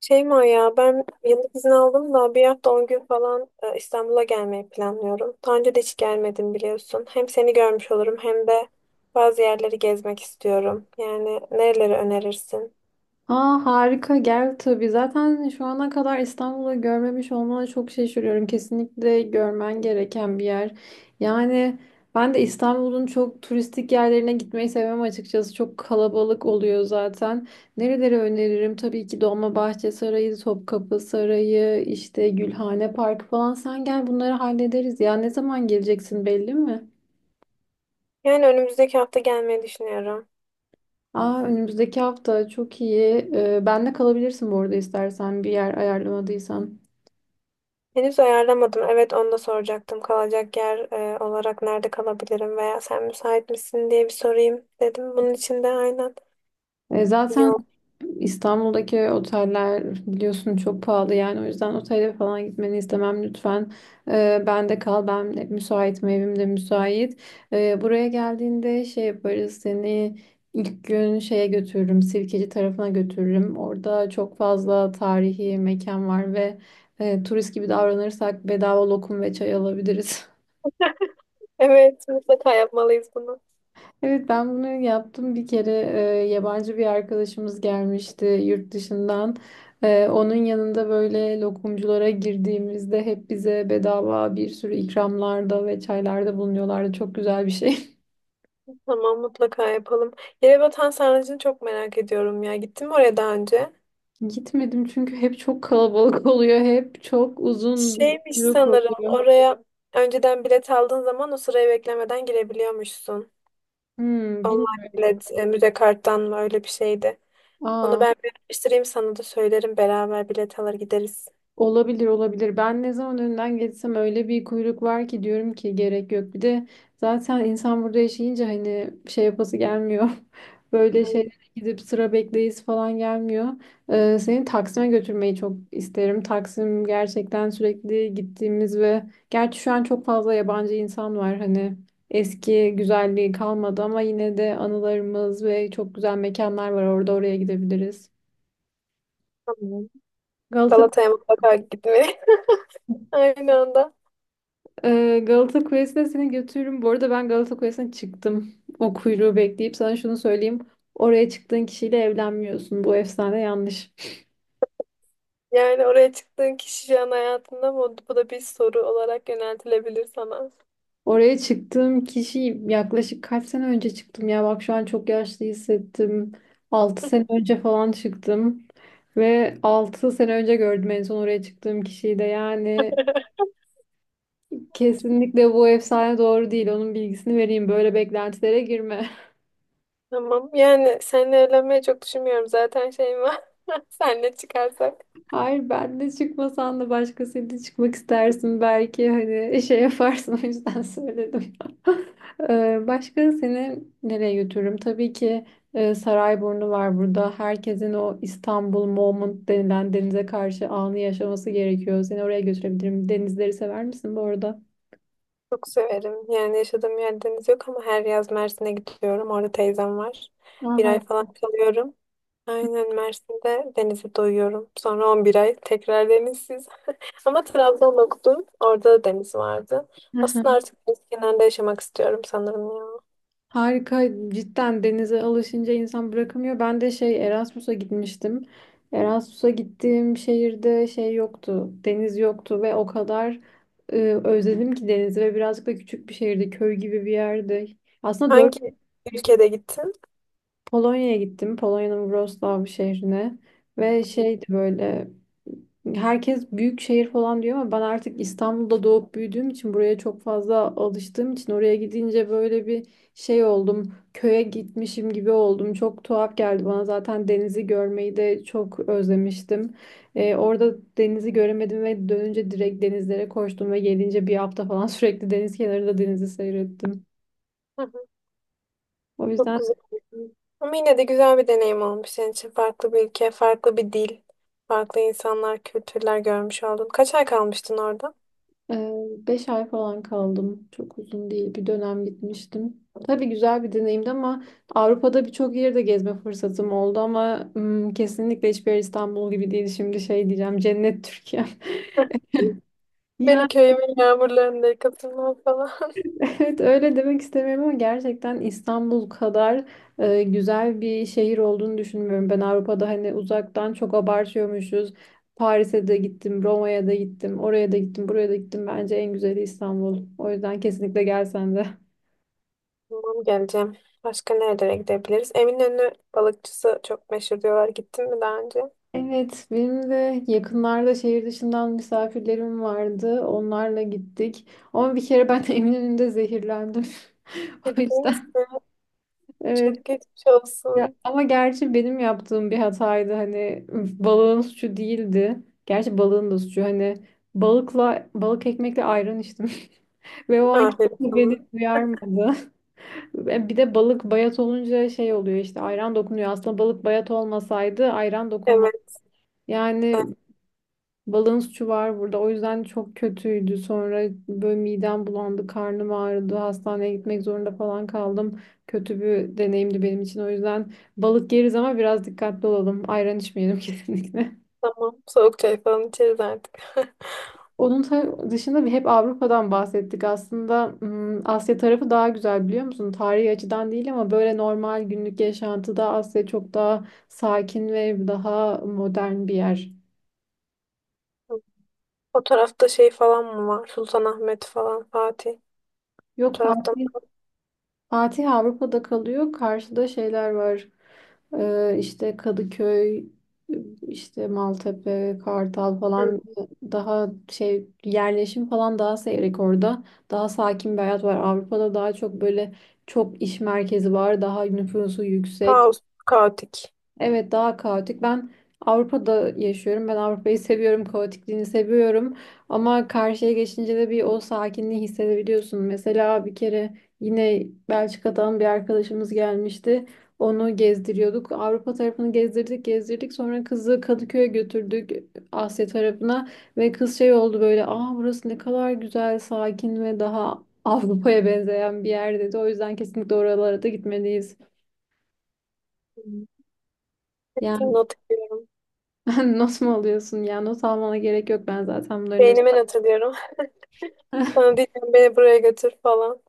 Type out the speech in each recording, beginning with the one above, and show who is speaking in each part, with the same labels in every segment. Speaker 1: Şeyma ya ben yıllık izin aldım da bir hafta 10 gün falan İstanbul'a gelmeyi planlıyorum. Daha önce de hiç gelmedim biliyorsun. Hem seni görmüş olurum hem de bazı yerleri gezmek istiyorum. Yani nereleri önerirsin?
Speaker 2: Aa harika gel tabii. Zaten şu ana kadar İstanbul'u görmemiş olmana çok şaşırıyorum. Kesinlikle görmen gereken bir yer. Yani ben de İstanbul'un çok turistik yerlerine gitmeyi sevmem açıkçası. Çok kalabalık oluyor zaten. Nereleri öneririm? Tabii ki Dolmabahçe Sarayı, Topkapı Sarayı, işte Gülhane Parkı falan. Sen gel bunları hallederiz. Ya ne zaman geleceksin belli mi?
Speaker 1: Yani önümüzdeki hafta gelmeyi düşünüyorum.
Speaker 2: Aa, önümüzdeki hafta çok iyi. Ben de kalabilirsin bu arada istersen bir yer ayarlamadıysan.
Speaker 1: Henüz ayarlamadım. Evet onu da soracaktım. Kalacak yer olarak nerede kalabilirim veya sen müsait misin diye bir sorayım dedim. Bunun için de aynen.
Speaker 2: Zaten
Speaker 1: Yok.
Speaker 2: İstanbul'daki oteller biliyorsun çok pahalı yani o yüzden otele falan gitmeni istemem lütfen. Ben de kal ben de müsaitim evim de müsait. Buraya geldiğinde şey yaparız seni ilk gün şeye götürürüm Sirkeci tarafına götürürüm. Orada çok fazla tarihi mekan var ve turist gibi davranırsak bedava lokum ve çay alabiliriz.
Speaker 1: Evet mutlaka yapmalıyız bunu.
Speaker 2: Evet ben bunu yaptım bir kere yabancı bir arkadaşımız gelmişti yurt dışından. Onun yanında böyle lokumculara girdiğimizde hep bize bedava bir sürü ikramlarda ve çaylarda bulunuyorlardı. Çok güzel bir şey.
Speaker 1: Tamam mutlaka yapalım. Yerebatan Sarnıcı'nı çok merak ediyorum ya. Gittin mi oraya daha önce?
Speaker 2: Gitmedim çünkü hep çok kalabalık oluyor. Hep çok uzun
Speaker 1: Şeymiş
Speaker 2: bir kuyruk
Speaker 1: sanırım
Speaker 2: oluyor.
Speaker 1: oraya önceden bilet aldığın zaman o sırayı beklemeden girebiliyormuşsun.
Speaker 2: Hmm,
Speaker 1: Online
Speaker 2: bilmiyorum.
Speaker 1: bilet, müze karttan mı öyle bir şeydi. Onu
Speaker 2: Aa.
Speaker 1: ben bir araştırayım sana da söylerim. Beraber bilet alır gideriz.
Speaker 2: Olabilir olabilir. Ben ne zaman önden geçsem öyle bir kuyruk var ki diyorum ki gerek yok. Bir de zaten insan burada yaşayınca hani şey yapası gelmiyor. Böyle
Speaker 1: Ay.
Speaker 2: şeylere gidip sıra bekleyiz falan gelmiyor. Seni Taksim'e götürmeyi çok isterim. Taksim gerçekten sürekli gittiğimiz ve gerçi şu an çok fazla yabancı insan var. Hani eski güzelliği kalmadı ama yine de anılarımız ve çok güzel mekanlar var orada oraya gidebiliriz.
Speaker 1: Tamam.
Speaker 2: Galata
Speaker 1: Galata'ya mutlaka gitmeye. Aynı anda.
Speaker 2: Galata Kulesi'ne seni götürürüm. Bu arada ben Galata Kulesi'ne çıktım. O kuyruğu bekleyip sana şunu söyleyeyim. Oraya çıktığın kişiyle evlenmiyorsun. Bu efsane yanlış.
Speaker 1: Yani oraya çıktığın kişi şu an hayatında mı? Bu da bir soru olarak yöneltilebilir sana.
Speaker 2: Oraya çıktığım kişi yaklaşık kaç sene önce çıktım ya. Bak şu an çok yaşlı hissettim. 6 sene önce falan çıktım. Ve 6 sene önce gördüm en son oraya çıktığım kişiyi de. Yani kesinlikle bu efsane doğru değil. Onun bilgisini vereyim. Böyle beklentilere girme.
Speaker 1: Tamam. Yani seninle evlenmeyi çok düşünmüyorum. Zaten şeyim var. Seninle çıkarsak
Speaker 2: Hayır ben de çıkmasan da başkasıyla çıkmak istersin belki hani şey yaparsın o yüzden söyledim. Başka seni nereye götürürüm? Tabii ki Sarayburnu var burada. Herkesin o İstanbul moment denilen denize karşı anı yaşaması gerekiyor. Seni oraya götürebilirim. Denizleri sever misin bu arada?
Speaker 1: çok severim. Yani yaşadığım yer deniz yok ama her yaz Mersin'e gidiyorum. Orada teyzem var. Bir
Speaker 2: Aha.
Speaker 1: ay falan kalıyorum. Aynen Mersin'de denize doyuyorum. Sonra 11 ay tekrar denizsiz. Ama Trabzon'da okudum. Orada da deniz vardı. Aslında artık deniz kenarında yaşamak istiyorum sanırım ya.
Speaker 2: Harika cidden denize alışınca insan bırakamıyor. Ben de şey Erasmus'a gitmiştim. Erasmus'a gittiğim şehirde şey yoktu. Deniz yoktu ve o kadar e, özledim ki denizi ve birazcık da küçük bir şehirdi. Köy gibi bir yerde. Aslında
Speaker 1: Hangi ülkede gittin?
Speaker 2: Polonya'ya gittim. Polonya'nın Wrocław şehrine ve şeydi böyle herkes büyük şehir falan diyor ama ben artık İstanbul'da doğup büyüdüğüm için buraya çok fazla alıştığım için oraya gidince böyle bir şey oldum. Köye gitmişim gibi oldum. Çok tuhaf geldi bana. Zaten denizi görmeyi de çok özlemiştim. Orada denizi göremedim ve dönünce direkt denizlere koştum ve gelince bir hafta falan sürekli deniz kenarında denizi seyrettim. O
Speaker 1: Çok
Speaker 2: yüzden
Speaker 1: güzel. Ama yine de güzel bir deneyim olmuş senin için. Farklı bir ülke, farklı bir dil, farklı insanlar, kültürler görmüş oldun. Kaç ay kalmıştın orada?
Speaker 2: Ee, beş ay falan kaldım. Çok uzun değil. Bir dönem gitmiştim. Tabii güzel bir deneyimdi ama Avrupa'da birçok yerde gezme fırsatım oldu ama kesinlikle hiçbir yer İstanbul gibi değil. Şimdi şey diyeceğim, cennet Türkiye.
Speaker 1: Beni
Speaker 2: Yani
Speaker 1: köyümün yağmurlarında yıkatırlar falan.
Speaker 2: evet öyle demek istemiyorum ama gerçekten İstanbul kadar güzel bir şehir olduğunu düşünmüyorum. Ben Avrupa'da hani uzaktan çok abartıyormuşuz. Paris'e de gittim, Roma'ya da gittim, oraya da gittim, buraya da gittim. Bence en güzeli İstanbul. O yüzden kesinlikle gelsen de.
Speaker 1: Tamam geleceğim. Başka nerelere gidebiliriz? Eminönü balıkçısı çok meşhur diyorlar. Gittin mi daha önce?
Speaker 2: Evet, benim de yakınlarda şehir dışından misafirlerim vardı. Onlarla gittik. Ama bir kere ben Eminönü'nde zehirlendim. O
Speaker 1: Gittiniz
Speaker 2: yüzden
Speaker 1: mi?
Speaker 2: evet.
Speaker 1: Çok geçmiş
Speaker 2: Ya,
Speaker 1: olsun.
Speaker 2: ama gerçi benim yaptığım bir hataydı. Hani balığın suçu değildi. Gerçi balığın da suçu. Hani balıkla balık ekmekle ayran içtim. Ve o an
Speaker 1: Aferin
Speaker 2: kimse
Speaker 1: sana.
Speaker 2: beni duyarmadı. Ve bir de balık bayat olunca şey oluyor işte ayran dokunuyor. Aslında balık bayat olmasaydı ayran dokunmaz.
Speaker 1: Evet.
Speaker 2: Yani balığın suçu var burada. O yüzden çok kötüydü. Sonra böyle midem bulandı, karnım ağrıdı. Hastaneye gitmek zorunda falan kaldım. Kötü bir deneyimdi benim için. O yüzden balık yeriz ama biraz dikkatli olalım. Ayran içmeyelim kesinlikle.
Speaker 1: Tamam. Soğuk çay falan içeriz artık.
Speaker 2: Onun dışında bir hep Avrupa'dan bahsettik. Aslında Asya tarafı daha güzel biliyor musun? Tarihi açıdan değil ama böyle normal günlük yaşantıda Asya çok daha sakin ve daha modern bir yer.
Speaker 1: O tarafta şey falan mı var? Sultanahmet falan, Fatih. O
Speaker 2: Yok
Speaker 1: tarafta
Speaker 2: farklı
Speaker 1: mı?
Speaker 2: Fatih Avrupa'da kalıyor. Karşıda şeyler var. İşte Kadıköy, işte Maltepe, Kartal
Speaker 1: Hı.
Speaker 2: falan daha şey yerleşim falan daha seyrek orada. Daha sakin bir hayat var. Avrupa'da daha çok böyle çok iş merkezi var. Daha nüfusu yüksek.
Speaker 1: Kaos, kaotik.
Speaker 2: Evet daha kaotik. Ben Avrupa'da yaşıyorum. Ben Avrupa'yı seviyorum. Kaotikliğini seviyorum. Ama karşıya geçince de bir o sakinliği hissedebiliyorsun. Mesela bir kere yine Belçika'dan bir arkadaşımız gelmişti. Onu gezdiriyorduk. Avrupa tarafını gezdirdik, gezdirdik. Sonra kızı Kadıköy'e götürdük Asya tarafına ve kız şey oldu böyle, "Aa burası ne kadar güzel, sakin ve daha Avrupa'ya benzeyen bir yer." dedi. O yüzden kesinlikle oralara da gitmeliyiz.
Speaker 1: Hı. Hepsini not ediyorum.
Speaker 2: Not mu alıyorsun ya? Not almana gerek yok. Ben zaten bunların hepsini...
Speaker 1: Beynime not ediyorum. Sana diyeceğim beni buraya götür falan.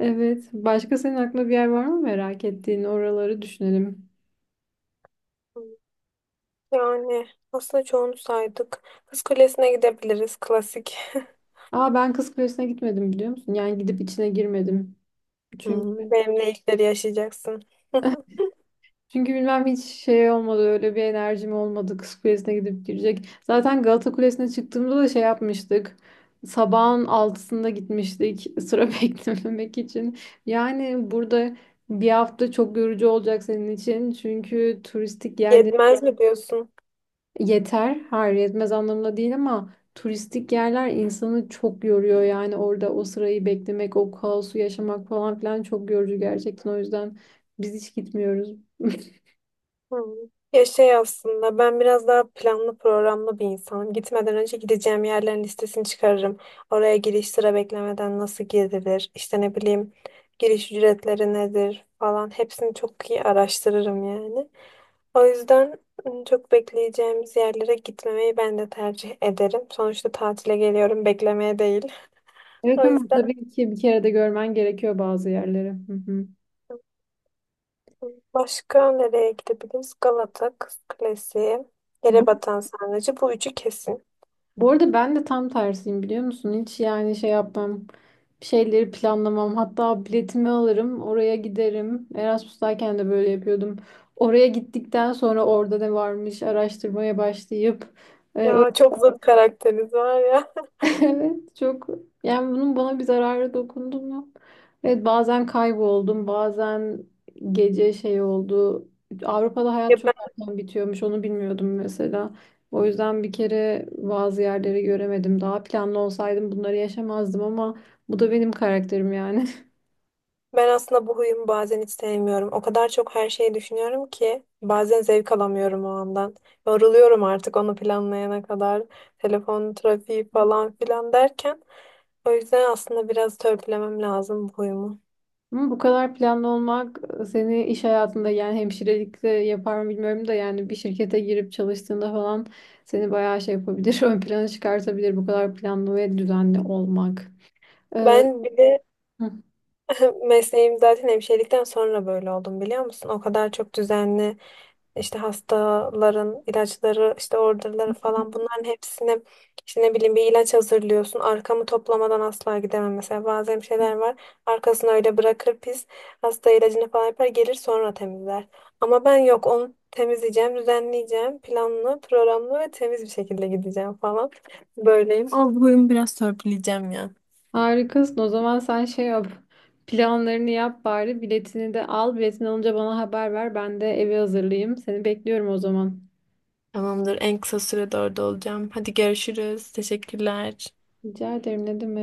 Speaker 2: Evet. Başka senin aklında bir yer var mı merak ettiğin? Oraları düşünelim.
Speaker 1: Hı. Yani aslında çoğunu saydık. Kız Kulesi'ne gidebiliriz. Klasik. Hı.
Speaker 2: Aa ben Kız Kulesi'ne gitmedim biliyor musun? Yani gidip içine girmedim. Çünkü
Speaker 1: Benimle ilkleri yaşayacaksın.
Speaker 2: çünkü bilmem hiç şey olmadı. Öyle bir enerjim olmadı Kız Kulesi'ne gidip girecek. Zaten Galata Kulesi'ne çıktığımda da şey yapmıştık. Sabahın altısında gitmiştik sıra beklememek için. Yani burada bir hafta çok yorucu olacak senin için. Çünkü turistik yerler
Speaker 1: Yetmez mi diyorsun?
Speaker 2: Yeter, hayır yetmez anlamında değil ama turistik yerler insanı çok yoruyor yani orada o sırayı beklemek, o kaosu yaşamak falan filan çok yorucu gerçekten o yüzden biz hiç gitmiyoruz.
Speaker 1: Hı. Ya şey aslında ben biraz daha planlı programlı bir insanım. Gitmeden önce gideceğim yerlerin listesini çıkarırım. Oraya giriş sıra beklemeden nasıl girilir, işte ne bileyim giriş ücretleri nedir falan hepsini çok iyi araştırırım yani. O yüzden çok bekleyeceğimiz yerlere gitmemeyi ben de tercih ederim. Sonuçta tatile geliyorum beklemeye değil.
Speaker 2: Evet
Speaker 1: O
Speaker 2: ama
Speaker 1: yüzden
Speaker 2: tabii ki bir kere de görmen gerekiyor bazı yerleri. Hı
Speaker 1: başka nereye gidebiliriz? Galata, Kız Kulesi,
Speaker 2: hı.
Speaker 1: Yerebatan Sarnıcı bu üçü kesin.
Speaker 2: Bu arada ben de tam tersiyim biliyor musun? Hiç yani şey yapmam. Bir şeyleri planlamam. Hatta biletimi alırım. Oraya giderim. Erasmus'tayken de böyle yapıyordum. Oraya gittikten sonra orada ne varmış araştırmaya başlayıp e,
Speaker 1: Ya çok zıt karakteriz var ya.
Speaker 2: Evet çok yani bunun bana bir zararı dokundu mu? Evet bazen kayboldum bazen gece şey oldu. Avrupa'da hayat
Speaker 1: Ya
Speaker 2: çok
Speaker 1: ben,
Speaker 2: erken bitiyormuş onu bilmiyordum mesela. O yüzden bir kere bazı yerleri göremedim. Daha planlı olsaydım bunları yaşamazdım ama bu da benim karakterim yani.
Speaker 1: ben aslında bu huyumu bazen hiç sevmiyorum. O kadar çok her şeyi düşünüyorum ki bazen zevk alamıyorum o andan. Yoruluyorum artık onu planlayana kadar. Telefon trafiği falan filan derken. O yüzden aslında biraz törpülemem lazım bu huyumu.
Speaker 2: Ama bu kadar planlı olmak seni iş hayatında yani hemşirelikte yapar mı bilmiyorum da yani bir şirkete girip çalıştığında falan seni bayağı şey yapabilir, ön plana çıkartabilir bu kadar planlı ve düzenli olmak. Ee,
Speaker 1: Ben bir de
Speaker 2: hı,
Speaker 1: mesleğim zaten hemşirelikten sonra böyle oldum biliyor musun? O kadar çok düzenli işte hastaların ilaçları, işte orderları falan bunların hepsini işte ne bileyim bir ilaç hazırlıyorsun. Arkamı toplamadan asla gidemem. Mesela bazen şeyler var. Arkasını öyle bırakır pis. Hasta ilacını falan yapar gelir sonra temizler. Ama ben yok onu temizleyeceğim, düzenleyeceğim. Planlı, programlı ve temiz bir şekilde gideceğim falan. Böyleyim. Olduğum biraz törpüleyeceğim ya.
Speaker 2: harikasın. O zaman sen şey yap. Planlarını yap bari. Biletini de al. Biletini alınca bana haber ver. Ben de evi hazırlayayım. Seni bekliyorum o zaman.
Speaker 1: Tamamdır. En kısa sürede orada olacağım. Hadi görüşürüz. Teşekkürler.
Speaker 2: Rica ederim. Ne demek?